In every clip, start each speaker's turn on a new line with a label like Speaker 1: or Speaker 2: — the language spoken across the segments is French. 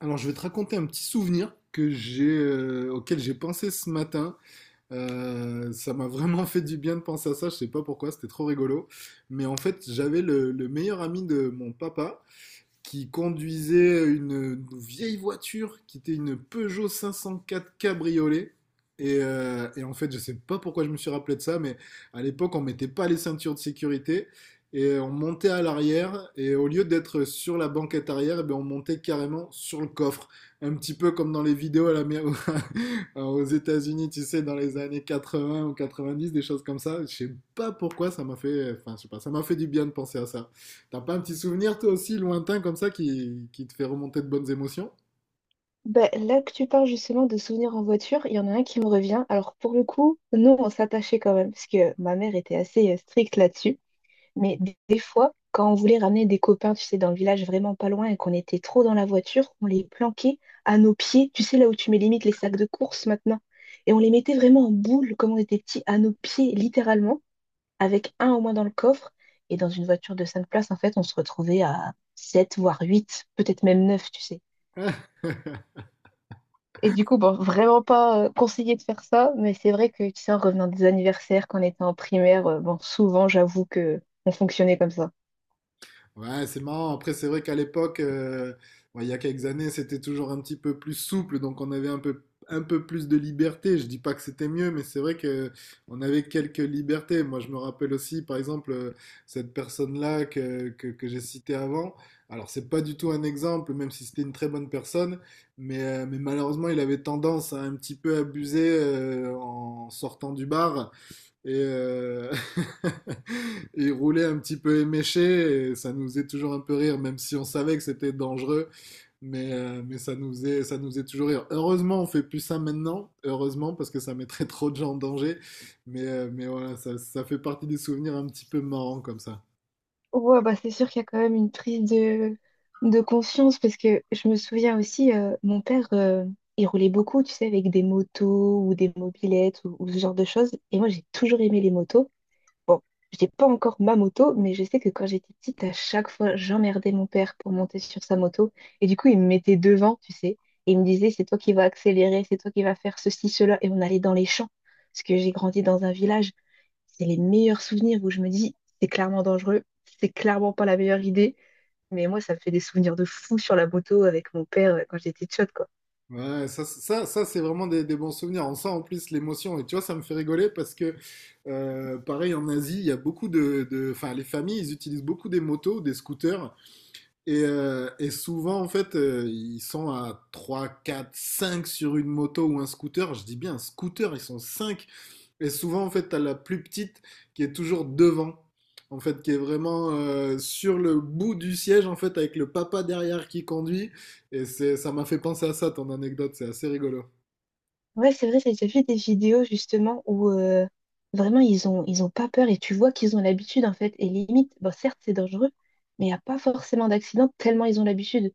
Speaker 1: Alors, je vais te raconter un petit souvenir que j'ai, auquel j'ai pensé ce matin. Ça m'a vraiment fait du bien de penser à ça. Je sais pas pourquoi, c'était trop rigolo. Mais en fait, j'avais le meilleur ami de mon papa qui conduisait une vieille voiture qui était une Peugeot 504 cabriolet. Et en fait, je sais pas pourquoi je me suis rappelé de ça, mais à l'époque, on mettait pas les ceintures de sécurité et on montait à l'arrière et au lieu d'être sur la banquette arrière, eh ben, on montait carrément sur le coffre, un petit peu comme dans les vidéos à la aux États-Unis, tu sais, dans les années 80 ou 90, des choses comme ça. Je sais pas pourquoi ça m'a fait, enfin, je sais pas, ça m'a fait du bien de penser à ça. T'as pas un petit souvenir, toi aussi, lointain comme ça, qui te fait remonter de bonnes émotions?
Speaker 2: Bah, là que tu parles justement de souvenirs en voiture, il y en a un qui me revient. Alors pour le coup, nous, on s'attachait quand même, parce que ma mère était assez stricte là-dessus. Mais des fois, quand on voulait ramener des copains, tu sais, dans le village vraiment pas loin et qu'on était trop dans la voiture, on les planquait à nos pieds, tu sais, là où tu mets limite les sacs de course maintenant. Et on les mettait vraiment en boule, comme on était petits, à nos pieds, littéralement, avec un au moins dans le coffre. Et dans une voiture de 5 places, en fait, on se retrouvait à 7, voire 8, peut-être même 9, tu sais. Et du coup, bon, vraiment pas conseillé de faire ça, mais c'est vrai que, tu sais, en revenant des anniversaires, quand on était en primaire, bon, souvent, j'avoue que on fonctionnait comme ça.
Speaker 1: Ouais, c'est marrant. Après, c'est vrai qu'à l'époque, ouais, il y a quelques années, c'était toujours un petit peu plus souple, donc on avait un peu plus de liberté. Je dis pas que c'était mieux, mais c'est vrai que on avait quelques libertés. Moi, je me rappelle aussi, par exemple, cette personne-là que j'ai citée avant. Alors, c'est pas du tout un exemple, même si c'était une très bonne personne, mais malheureusement, il avait tendance à un petit peu abuser en sortant du bar et il roulait un petit peu éméché et ça nous faisait toujours un peu rire, même si on savait que c'était dangereux, mais ça nous faisait toujours rire. Heureusement, on fait plus ça maintenant, heureusement, parce que ça mettrait trop de gens en danger, mais voilà, ça fait partie des souvenirs un petit peu marrants comme ça.
Speaker 2: Ouais, bah c'est sûr qu'il y a quand même une prise de conscience, parce que je me souviens aussi, mon père, il roulait beaucoup, tu sais, avec des motos ou des mobilettes ou ce genre de choses. Et moi, j'ai toujours aimé les motos. Bon, j'ai pas encore ma moto, mais je sais que quand j'étais petite, à chaque fois, j'emmerdais mon père pour monter sur sa moto. Et du coup, il me mettait devant, tu sais. Et il me disait, c'est toi qui vas accélérer, c'est toi qui vas faire ceci, cela. Et on allait dans les champs. Parce que j'ai grandi dans un village. C'est les meilleurs souvenirs où je me dis, c'est clairement dangereux, c'est clairement pas la meilleure idée. Mais moi, ça me fait des souvenirs de fou sur la moto avec mon père quand j'étais tchotte, quoi.
Speaker 1: Ouais, ça c'est vraiment des bons souvenirs. On sent en plus l'émotion. Et tu vois, ça me fait rigoler parce que, pareil, en Asie, il y a beaucoup enfin, les familles, ils utilisent beaucoup des motos, des scooters. Et souvent, en fait, ils sont à 3, 4, 5 sur une moto ou un scooter. Je dis bien un scooter, ils sont 5. Et souvent, en fait, t'as la plus petite qui est toujours devant. En fait, qui est vraiment sur le bout du siège, en fait, avec le papa derrière qui conduit. Et c'est, ça m'a fait penser à ça, ton anecdote. C'est assez rigolo.
Speaker 2: Ouais, c'est vrai, j'ai déjà vu des vidéos justement où vraiment ils ont pas peur et tu vois qu'ils ont l'habitude en fait. Et limite, bon certes c'est dangereux, mais il n'y a pas forcément d'accident tellement ils ont l'habitude.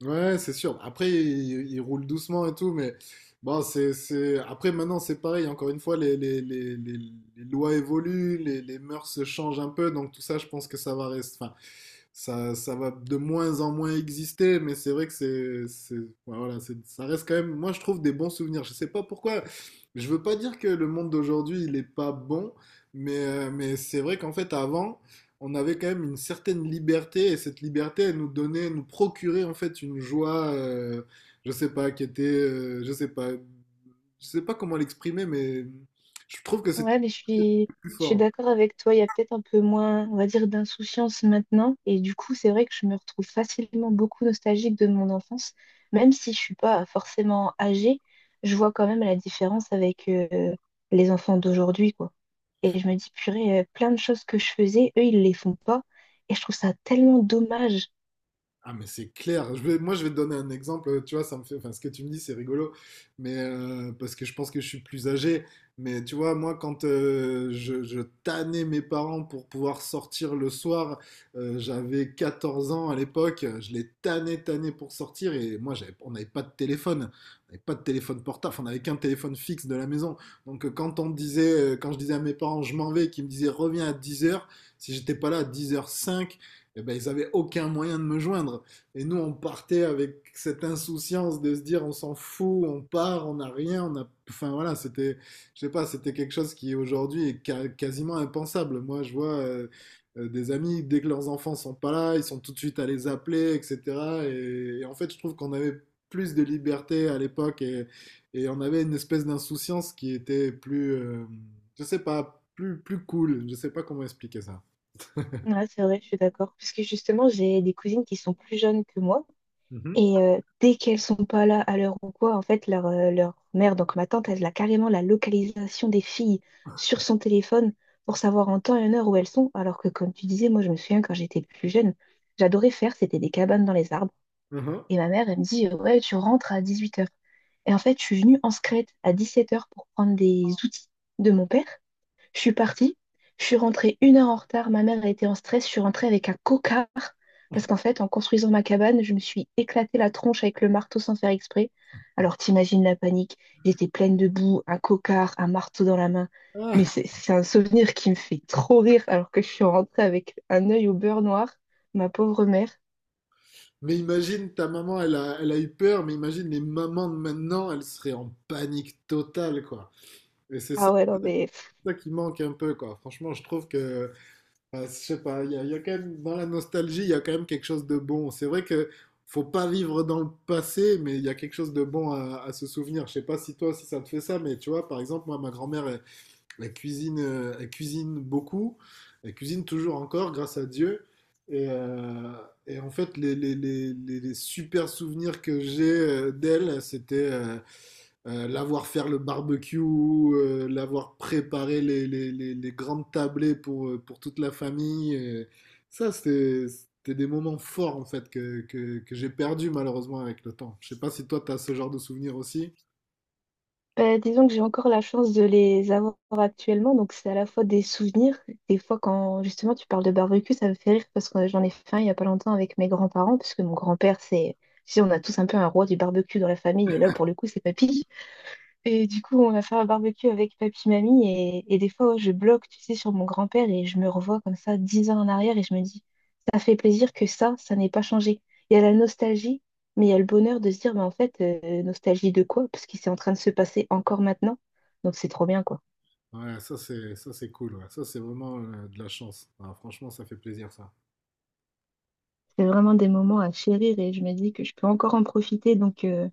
Speaker 1: Ouais, c'est sûr. Après, il roule doucement et tout, mais bon, c'est… Après, maintenant, c'est pareil. Encore une fois, les lois évoluent, les mœurs se changent un peu, donc tout ça, je pense que ça va rester. Enfin, ça va de moins en moins exister, mais c'est vrai que ouais, voilà, c'est, ça reste quand même, moi je trouve des bons souvenirs. Je sais pas pourquoi, je veux pas dire que le monde d'aujourd'hui il est pas bon, mais c'est vrai qu'en fait avant, on avait quand même une certaine liberté et cette liberté, elle nous donnait, nous procurait en fait une joie, je sais pas, je sais pas, je sais pas comment l'exprimer, mais je trouve que c'était
Speaker 2: Ouais, mais je suis,
Speaker 1: plus
Speaker 2: je suis
Speaker 1: fort.
Speaker 2: d'accord avec toi. Il y a peut-être un peu moins, on va dire, d'insouciance maintenant. Et du coup, c'est vrai que je me retrouve facilement beaucoup nostalgique de mon enfance. Même si je suis pas forcément âgée, je vois quand même la différence avec les enfants d'aujourd'hui, quoi. Et je me dis, purée, plein de choses que je faisais, eux, ils les font pas. Et je trouve ça tellement dommage.
Speaker 1: Ah mais c'est clair. Moi je vais te donner un exemple. Tu vois, ça me fait. Enfin, ce que tu me dis, c'est rigolo, mais parce que je pense que je suis plus âgé. Mais tu vois, moi quand je tannais mes parents pour pouvoir sortir le soir, j'avais 14 ans à l'époque. Je les tannais pour sortir. Et moi, on n'avait pas de téléphone. On n'avait pas de téléphone portable. On n'avait qu'un téléphone fixe de la maison. Donc quand on disait, quand je disais à mes parents, je m'en vais, et qu'ils me disaient reviens à 10 heures. Si j'étais pas là à 10h05, eh ben, ils avaient aucun moyen de me joindre. Et nous, on partait avec cette insouciance de se dire, on s'en fout, on part, on n'a rien, enfin voilà, c'était, je sais pas, c'était quelque chose qui aujourd'hui est quasiment impensable. Moi, je vois des amis, dès que leurs enfants sont pas là, ils sont tout de suite à les appeler, etc. Et en fait, je trouve qu'on avait plus de liberté à l'époque et on avait une espèce d'insouciance qui était plus, je sais pas, plus cool. Je sais pas comment expliquer ça.
Speaker 2: Ouais, c'est vrai, je suis d'accord. Parce que justement, j'ai des cousines qui sont plus jeunes que moi.
Speaker 1: Mhm.
Speaker 2: Et dès qu'elles sont pas là à l'heure ou quoi, en fait, leur mère, donc ma tante, elle a carrément la localisation des filles sur son téléphone pour savoir en temps et en heure où elles sont. Alors que, comme tu disais, moi, je me souviens quand j'étais plus jeune, j'adorais faire, c'était des cabanes dans les arbres.
Speaker 1: Mhm.
Speaker 2: Et ma mère, elle me dit, ouais, tu rentres à 18 heures. Et en fait, je suis venue en secrète à 17 heures pour prendre des outils de mon père. Je suis partie, je suis rentrée une heure en retard, ma mère a été en stress, je suis rentrée avec un cocard parce qu'en fait, en construisant ma cabane, je me suis éclatée la tronche avec le marteau sans faire exprès. Alors t'imagines la panique, j'étais pleine de boue, un cocard, un marteau dans la main. Mais
Speaker 1: Ah.
Speaker 2: c'est un souvenir qui me fait trop rire alors que je suis rentrée avec un œil au beurre noir, ma pauvre mère.
Speaker 1: Mais imagine, ta maman, elle a eu peur, mais imagine les mamans de maintenant, elles seraient en panique totale, quoi. Et c'est ça,
Speaker 2: Ah ouais, non mais
Speaker 1: ça qui manque un peu, quoi. Franchement, je trouve que, enfin, je sais pas, il y a quand même, dans la nostalgie, il y a quand même quelque chose de bon. C'est vrai que faut pas vivre dans le passé, mais il y a quelque chose de à se souvenir. Je sais pas si toi, si ça te fait ça, mais tu vois, par exemple, moi, ma grand-mère, elle, elle cuisine beaucoup, elle cuisine toujours encore, grâce à Dieu. Et, euh, et en fait, les super souvenirs que j'ai d'elle, c'était l'avoir faire le barbecue, l'avoir préparé les grandes tablées pour toute la famille. Ça, c'était des moments forts en fait que j'ai perdu malheureusement avec le temps. Je sais pas si toi, tu as ce genre de souvenirs aussi.
Speaker 2: ben, disons que j'ai encore la chance de les avoir actuellement, donc c'est à la fois des souvenirs. Des fois, quand justement tu parles de barbecue, ça me fait rire parce que j'en ai fait un il n'y a pas longtemps avec mes grands-parents, parce que mon grand-père, c'est, tu sais, on a tous un peu un roi du barbecue dans la famille, et là, pour le coup, c'est papy. Et du coup, on a fait un barbecue avec papy, mamie, et des fois, ouais, je bloque, tu sais, sur mon grand-père et je me revois comme ça, 10 ans en arrière, et je me dis, ça fait plaisir que ça n'ait pas changé. Il y a la nostalgie, mais il y a le bonheur de se dire, mais en fait, nostalgie de quoi? Parce qu'il c'est en train de se passer encore maintenant. Donc, c'est trop bien, quoi.
Speaker 1: Ouais, ça c'est cool. Ouais. Ça c'est vraiment de la chance. Ah, franchement, ça fait plaisir ça.
Speaker 2: C'est vraiment des moments à chérir et je me dis que je peux encore en profiter,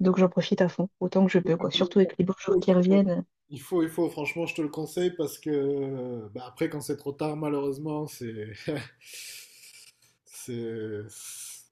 Speaker 2: donc j'en profite à fond, autant que je peux, quoi. Surtout avec les beaux jours qui reviennent.
Speaker 1: Il faut, franchement, je te le conseille parce que bah, après, quand c'est trop tard, malheureusement, c'est, c'est,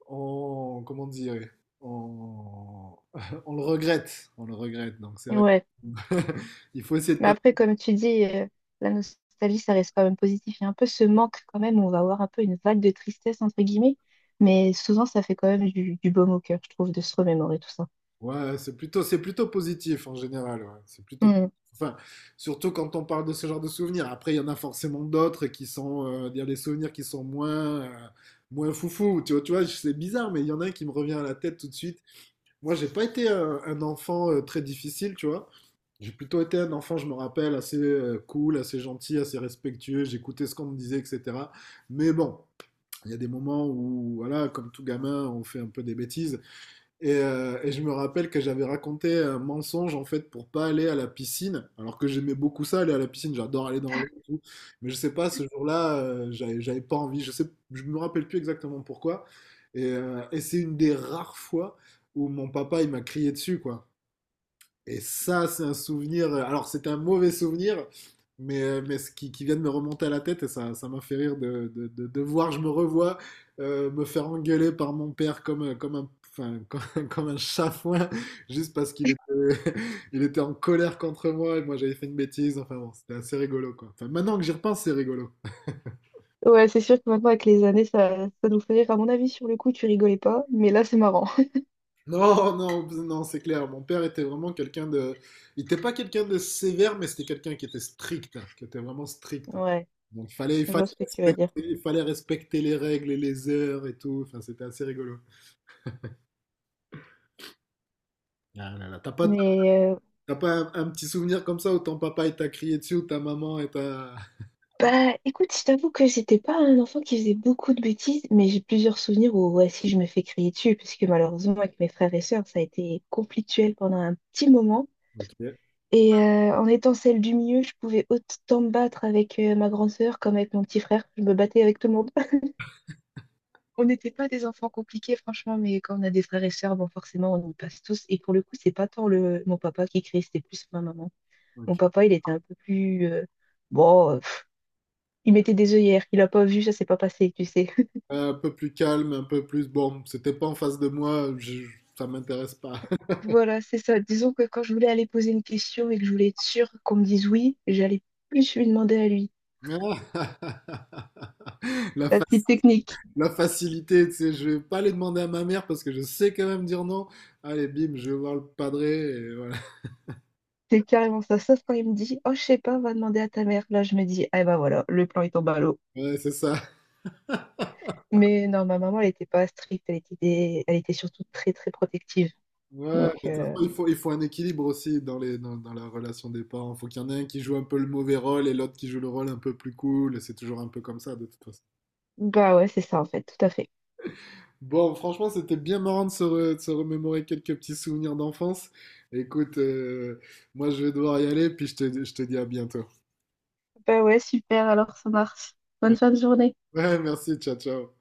Speaker 1: on, comment dire, on, on le on le regrette. Donc c'est vrai,
Speaker 2: Ouais.
Speaker 1: il faut essayer de
Speaker 2: Mais
Speaker 1: pas.
Speaker 2: après, comme tu dis, la nostalgie, ça reste quand même positif. Il y a un peu ce manque quand même, où on va avoir un peu une vague de tristesse, entre guillemets, mais souvent, ça fait quand même du baume au cœur, je trouve, de se remémorer tout ça.
Speaker 1: Ouais, c'est plutôt positif en général. Ouais. C'est plutôt,
Speaker 2: Hmm.
Speaker 1: enfin, surtout quand on parle de ce genre de souvenirs. Après, il y en a forcément d'autres qui sont, il y a des souvenirs qui sont moins, moins foufou. Tu vois, c'est bizarre, mais il y en a un qui me revient à la tête tout de suite. Moi, j'ai pas été un enfant très difficile, tu vois. J'ai plutôt été un enfant, je me rappelle, assez cool, assez gentil, assez respectueux. J'écoutais ce qu'on me disait, etc. Mais bon, il y a des moments où, voilà, comme tout gamin, on fait un peu des bêtises. Et je me rappelle que j'avais raconté un mensonge en fait pour pas aller à la piscine, alors que j'aimais beaucoup ça, aller à la piscine, j'adore aller dans l'eau et tout. Mais je sais pas, ce jour-là, j'avais pas envie, je sais, je me rappelle plus exactement pourquoi. Et c'est une des rares fois où mon papa il m'a crié dessus, quoi. Et ça, c'est un souvenir. Alors, c'était un mauvais souvenir, mais ce qui vient de me remonter à la tête, et ça m'a fait rire de voir, je me revois me faire engueuler par mon père comme, comme un, enfin, comme, comme un chafouin, juste parce qu'il était, il était en colère contre moi et moi j'avais fait une bêtise. Enfin bon, c'était assez rigolo quoi. Enfin, maintenant que j'y repense, c'est rigolo.
Speaker 2: Ouais, c'est sûr que maintenant, avec les années, ça nous fait rire. À mon avis, sur le coup, tu rigolais pas, mais là, c'est marrant.
Speaker 1: Non, non, non, c'est clair. Mon père était vraiment quelqu'un de. Il n'était pas quelqu'un de sévère, mais c'était quelqu'un qui était strict, qui était vraiment strict.
Speaker 2: Ouais,
Speaker 1: Donc
Speaker 2: je vois ce que tu veux dire.
Speaker 1: il fallait respecter les règles et les heures et tout. Enfin, c'était assez rigolo. Ah là là,
Speaker 2: Mais
Speaker 1: t'as pas un petit souvenir comme ça où ton papa il t'a crié dessus ou ta maman et t'a…
Speaker 2: bah, écoute, je t'avoue que j'étais pas un enfant qui faisait beaucoup de bêtises, mais j'ai plusieurs souvenirs où, ouais, si je me fais crier dessus, parce que malheureusement, avec mes frères et sœurs, ça a été conflictuel pendant un petit moment.
Speaker 1: Ok,
Speaker 2: Et en étant celle du milieu, je pouvais autant me battre avec ma grande sœur comme avec mon petit frère. Je me battais avec tout le monde. On n'était pas des enfants compliqués, franchement, mais quand on a des frères et sœurs, bon, forcément, on y passe tous. Et pour le coup, c'est pas tant le mon papa qui criait, c'était plus ma maman. Mon
Speaker 1: ok.
Speaker 2: papa, il était un peu plus bon, euh, pff, il mettait des œillères. Il a pas vu, ça s'est pas passé, tu sais.
Speaker 1: Un peu plus calme, un peu plus… Bon, c'était pas en face de ça m'intéresse pas.
Speaker 2: Voilà, c'est ça. Disons que quand je voulais aller poser une question et que je voulais être sûre qu'on me dise oui, j'allais plus lui demander à lui.
Speaker 1: La,
Speaker 2: La
Speaker 1: fa-
Speaker 2: petite technique.
Speaker 1: la facilité, tu sais, je vais pas les demander à ma mère parce que je sais quand même dire non. Allez, bim, je vais voir le padré et voilà.
Speaker 2: C'est carrément ça. Sauf quand il me dit, oh, je sais pas, va demander à ta mère. Là, je me dis, ah ben voilà, le plan il tombe à l'eau.
Speaker 1: Ouais, c'est ça.
Speaker 2: Mais non, ma maman, elle était pas stricte, elle était surtout très, très protective.
Speaker 1: Ouais,
Speaker 2: Donc,
Speaker 1: mais de toute façon, il faut un équilibre aussi dans dans la relation des parents. Il faut qu'il y en ait un qui joue un peu le mauvais rôle et l'autre qui joue le rôle un peu plus cool. Et c'est toujours un peu comme ça, de toute façon.
Speaker 2: bah ouais, c'est ça en fait, tout à fait.
Speaker 1: Bon, franchement, c'était bien marrant de de se remémorer quelques petits souvenirs d'enfance. Écoute, moi, je vais devoir y aller, puis je je te dis à bientôt.
Speaker 2: Bah ouais, super, alors ça marche. Bonne fin de journée.
Speaker 1: Ouais, merci, ciao, ciao.